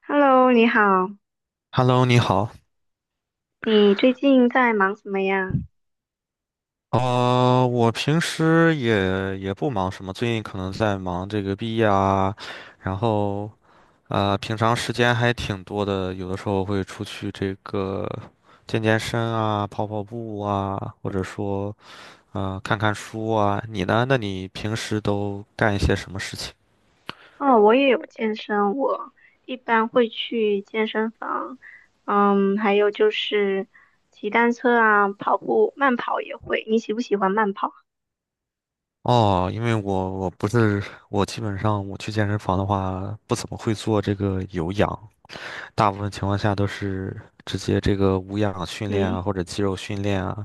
Hello，你好，Hello，你好。你最近在忙什么呀？我平时也不忙什么，最近可能在忙这个毕业啊，然后平常时间还挺多的，有的时候会出去这个健健身啊，跑跑步啊，或者说看看书啊。你呢？那你平时都干一些什么事情？哦，我也有健身，我一般会去健身房，还有就是骑单车啊，跑步，慢跑也会。你喜不喜欢慢跑？哦，因为我不是我基本上我去健身房的话，不怎么会做这个有氧，大部分情况下都是直接这个无氧训练嗯啊，或者肌肉训练啊，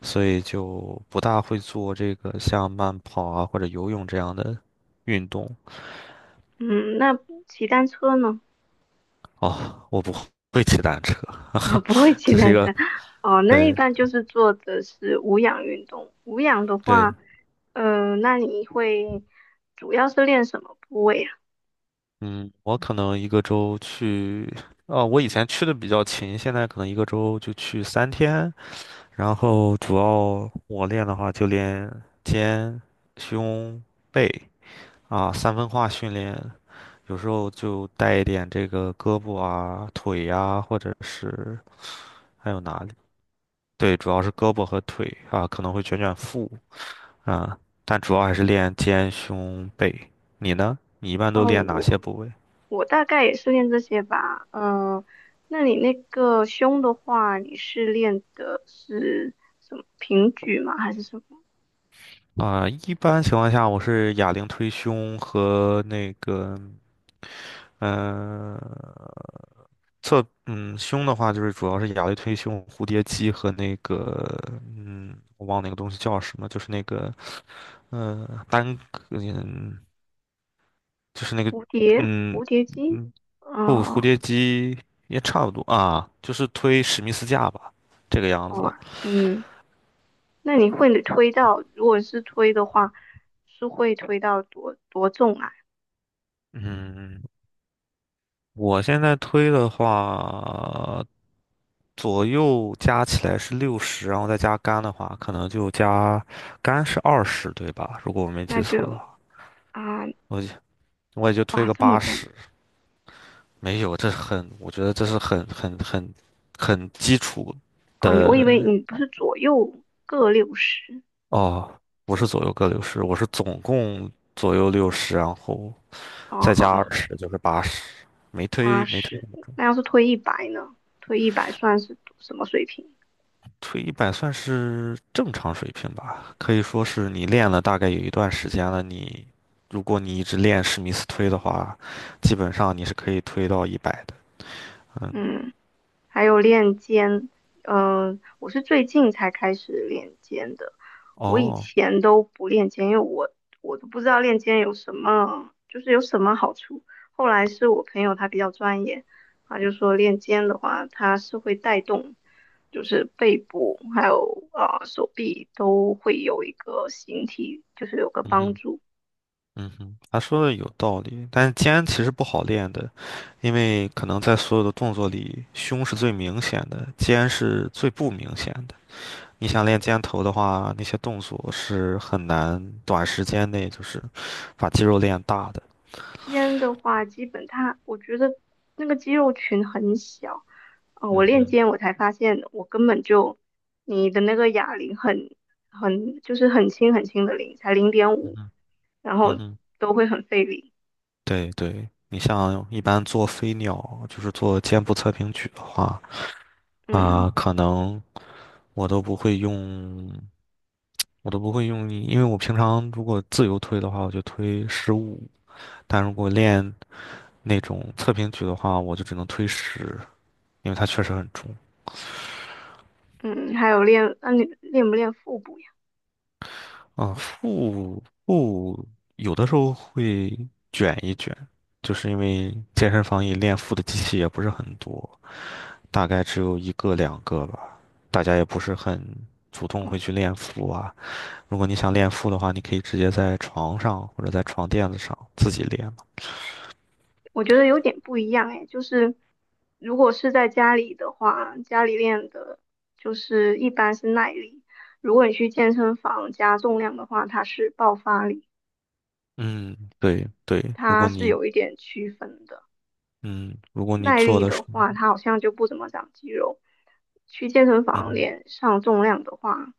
所以就不大会做这个像慢跑啊或者游泳这样的运动。嗯，那骑单车呢？哦，我不会骑单车，啊，不会骑这是一单个，车。哦，那一对般就是做的是无氧运动。无氧的对，话，那你会主要是练什么部位啊？嗯，我可能一个周去，哦，我以前去的比较勤，现在可能一个周就去3天，然后主要我练的话就练肩、胸、背啊，三分化训练。有时候就带一点这个胳膊啊、腿呀、或者是还有哪里？对，主要是胳膊和腿啊，可能会卷卷腹啊，但主要还是练肩、胸、背。你呢？你一般哦，都练哪些部位我大概也是练这些吧，那你那个胸的话，你是练的是什么平举吗？还是什么啊？一般情况下，我是哑铃推胸和那个，嗯、侧胸的话，就是主要是哑类推胸、蝴蝶肌和那个我忘了那个东西叫什么，就是那个单嗯，就是那个蝴蝶嗯蝴蝶肌？嗯不，蝴哦，蝶肌也差不多啊，就是推史密斯架吧，这个样子。哦，嗯，那你会推到，如果是推的话，是会推到多重啊？嗯，我现在推的话，左右加起来是六十，然后再加杆的话，可能就加杆是二十，对吧？如果我没那记错的就话。啊，我我也就推哇，个这么八重十，没有，这很，我觉得这是很基础哦，我以为的。你不是左右各60，哦，不是左右各六十，我是总共左右六十，然后哦再加二哦，十就是八十，没八推没推十，那么八十重，那要是推一百呢？推一百算是什么水平？推一百算是正常水平吧，可以说是你练了大概有一段时间了，如果你一直练史密斯推的话，基本上你是可以推到一百的，嗯，嗯。还有练肩，我是最近才开始练肩的，我以哦，前都不练肩，因为我都不知道练肩有什么，就是有什么好处。后来是我朋友他比较专业，他就说练肩的话，它是会带动，就是背部还有啊、手臂都会有一个形体，就是有个嗯帮哼。助。嗯哼，他说的有道理，但是肩其实不好练的，因为可能在所有的动作里，胸是最明显的，肩是最不明显的。你想练肩头的话，那些动作是很难短时间内就是把肌肉练大的。肩的话，基本它我觉得那个肌肉群很小。哦，我嗯练哼，肩，我才发现我根本就你的那个哑铃很就是很轻很轻的铃，才零点嗯五，哼，然嗯后哼，都会很费力。对对，你像一般做飞鸟，就是做肩部侧平举的话，嗯啊、可能我都不会用。我都不会用力，因为我平常如果自由推的话，我就推15，但如果练那种侧平举的话，我就只能推十，因为它确实很重。嗯，还有练，那、你练不练腹部呀？啊、腹有的时候会卷一卷，就是因为健身房里练腹的机器也不是很多，大概只有一个两个吧，大家也不是很主动哦，会去练腹啊。如果你想练腹的话，你可以直接在床上或者在床垫子上自己练。我觉得有点不一样哎，就是如果是在家里的话，家里练的就是一般是耐力，如果你去健身房加重量的话，它是爆发力，嗯，对对，如它果是你有一点区分的。嗯，如果你耐做力的的是，话，它好像就不怎么长肌肉。去健身房嗯练上重量的话，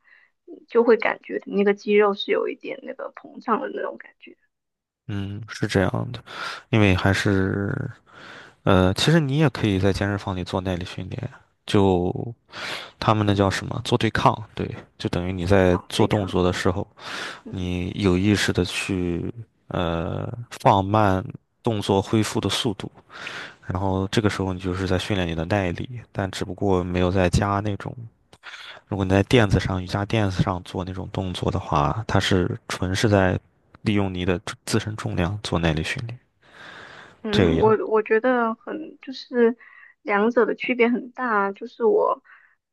就会感觉你那个肌肉是有一点那个膨胀的那种感觉嗯，是这样的，因为还是其实你也可以在健身房里做耐力训练，就他们那叫什么，做对抗，对，就等于你在啊，对做动抗。作的时候，嗯。你有意识的去放慢动作恢复的速度，然后这个时候你就是在训练你的耐力，但只不过没有在加那种。如果你在垫子上、瑜伽垫子上做那种动作的话，它是纯是在利用你的自身重量做耐力训练，这个嗯，我样。我觉得很就是两者的区别很大，就是我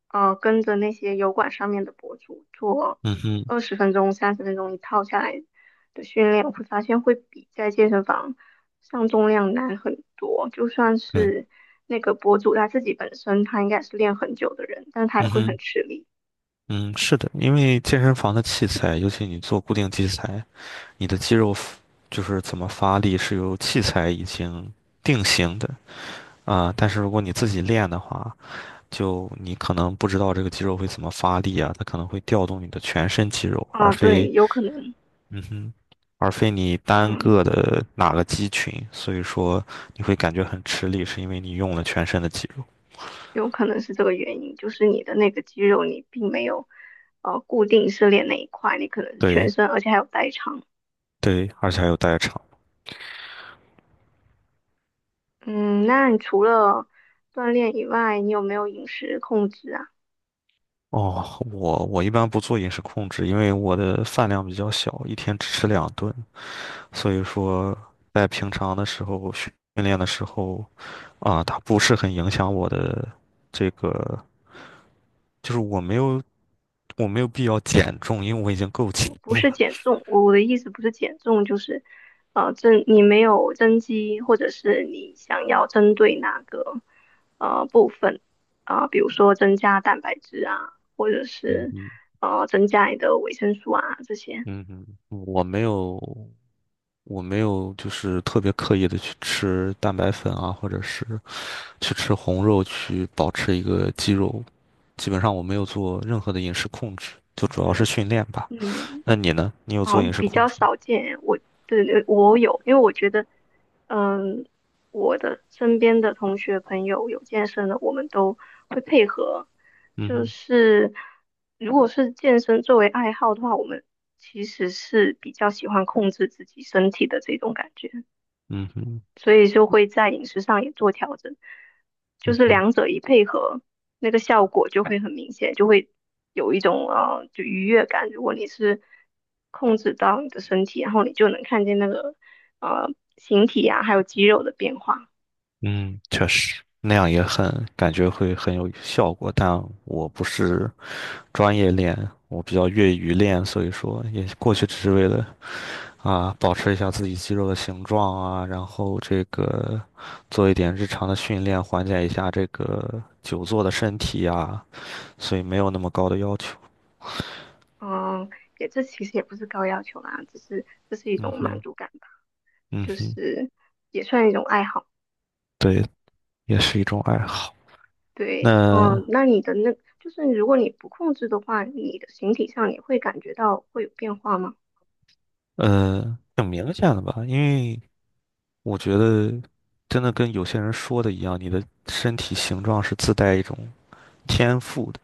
跟着那些油管上面的博主做嗯哼，20分钟、30分钟一套下来的训练，我会发现会比在健身房上重量难很多。就算对，是那个博主他自己本身他应该是练很久的人，但他也嗯会很哼，吃力嗯，是的，因为健身房的器材，尤其你做固定器材，你的肌肉 就是怎么发力是由器材已经定型的啊，但是如果你自己练的话，就你可能不知道这个肌肉会怎么发力啊，它可能会调动你的全身肌肉，而啊，对，非有可能，嗯哼，而非你单嗯。个的哪个肌群，所以说你会感觉很吃力，是因为你用了全身的肌肉。有可能是这个原因，就是你的那个肌肉你并没有固定是练那一块，你可能是全对身，而且还有代偿。对，而且还有代偿。嗯，那你除了锻炼以外，你有没有饮食控制啊？哦，我一般不做饮食控制，因为我的饭量比较小，1天只吃2顿，所以说在平常的时候训练的时候，啊，它不是很影响我的这个，就是我没有必要减重，因为我已经够轻不是了。减重，我的意思不是减重，就是你没有增肌，或者是你想要针对哪个部分啊、比如说增加蛋白质啊，或者嗯是哼。增加你的维生素啊这些。嗯哼，我没有，就是特别刻意的去吃蛋白粉啊，或者是去吃红肉去保持一个肌肉，基本上我没有做任何的饮食控制，就主要是训练吧。嗯。那你呢？你有做饮哦，食比控较制吗？少见。对对，我有，因为我觉得，嗯，我的身边的同学朋友有健身的，我们都会配合。嗯就哼，是如果是健身作为爱好的话，我们其实是比较喜欢控制自己身体的这种感觉。嗯哼，所以就会在饮食上也做调整，就嗯是哼，两者一配合，那个效果就会很明显，就会有一种就愉悦感。如果你是控制到你的身体，然后你就能看见那个呃形体啊，还有肌肉的变化。嗯，确实，那样也很，感觉会很有效果，但我不是专业练，我比较业余练，所以说也过去只是为了啊，保持一下自己肌肉的形状啊，然后这个做一点日常的训练，缓解一下这个久坐的身体呀，所以没有那么高的要求。嗯，这其实也不是高要求啦，只是这是一嗯种满哼，足感吧，嗯就哼，是也算一种爱好。对，也是一种爱好。对，那嗯，那你的那就是如果你不控制的话，你的形体上也会感觉到会有变化吗？挺明显的吧，因为我觉得真的跟有些人说的一样，你的身体形状是自带一种天赋的，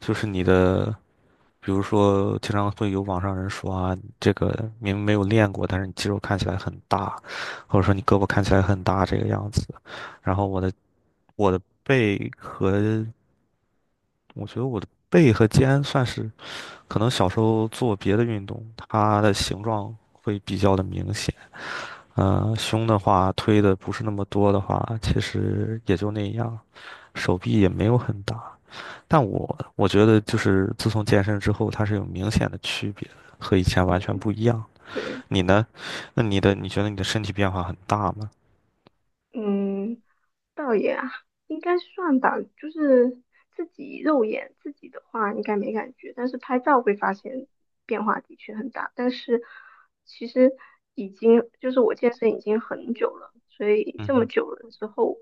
就是你的。比如说，经常会有网上人说啊，你这个明明没有练过，但是你肌肉看起来很大，或者说你胳膊看起来很大这个样子。然后我的背和我觉得我的背和肩算是可能小时候做别的运动，它的形状会比较的明显。胸的话推的不是那么多的话，其实也就那样，手臂也没有很大。但我觉得就是自从健身之后，它是有明显的区别的和以前完全嗯。不一样。对，你呢？那你觉得你的身体变化很大吗？嗯，倒也啊应该算吧。就是自己肉眼自己的话，应该没感觉，但是拍照会发现变化的确很大。但是其实已经就是我健身已经很久了，所以嗯这么哼，久了之后，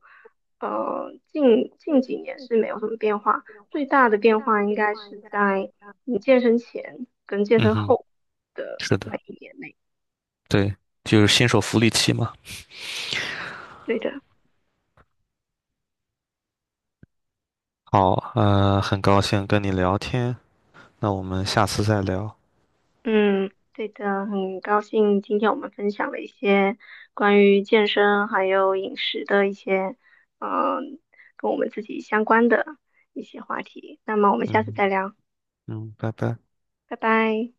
近几年是没有什么变化。最大的变化应该是在你健身前跟健嗯身哼，后的是那的，一年内。对，就是新手福利期嘛。对的。好，很高兴跟你聊天，那我们下次再聊。嗯，对的，很高兴今天我们分享了一些关于健身还有饮食的一些，嗯，跟我们自己相关的一些话题。那么我们下次嗯再聊，嗯，拜拜。拜拜。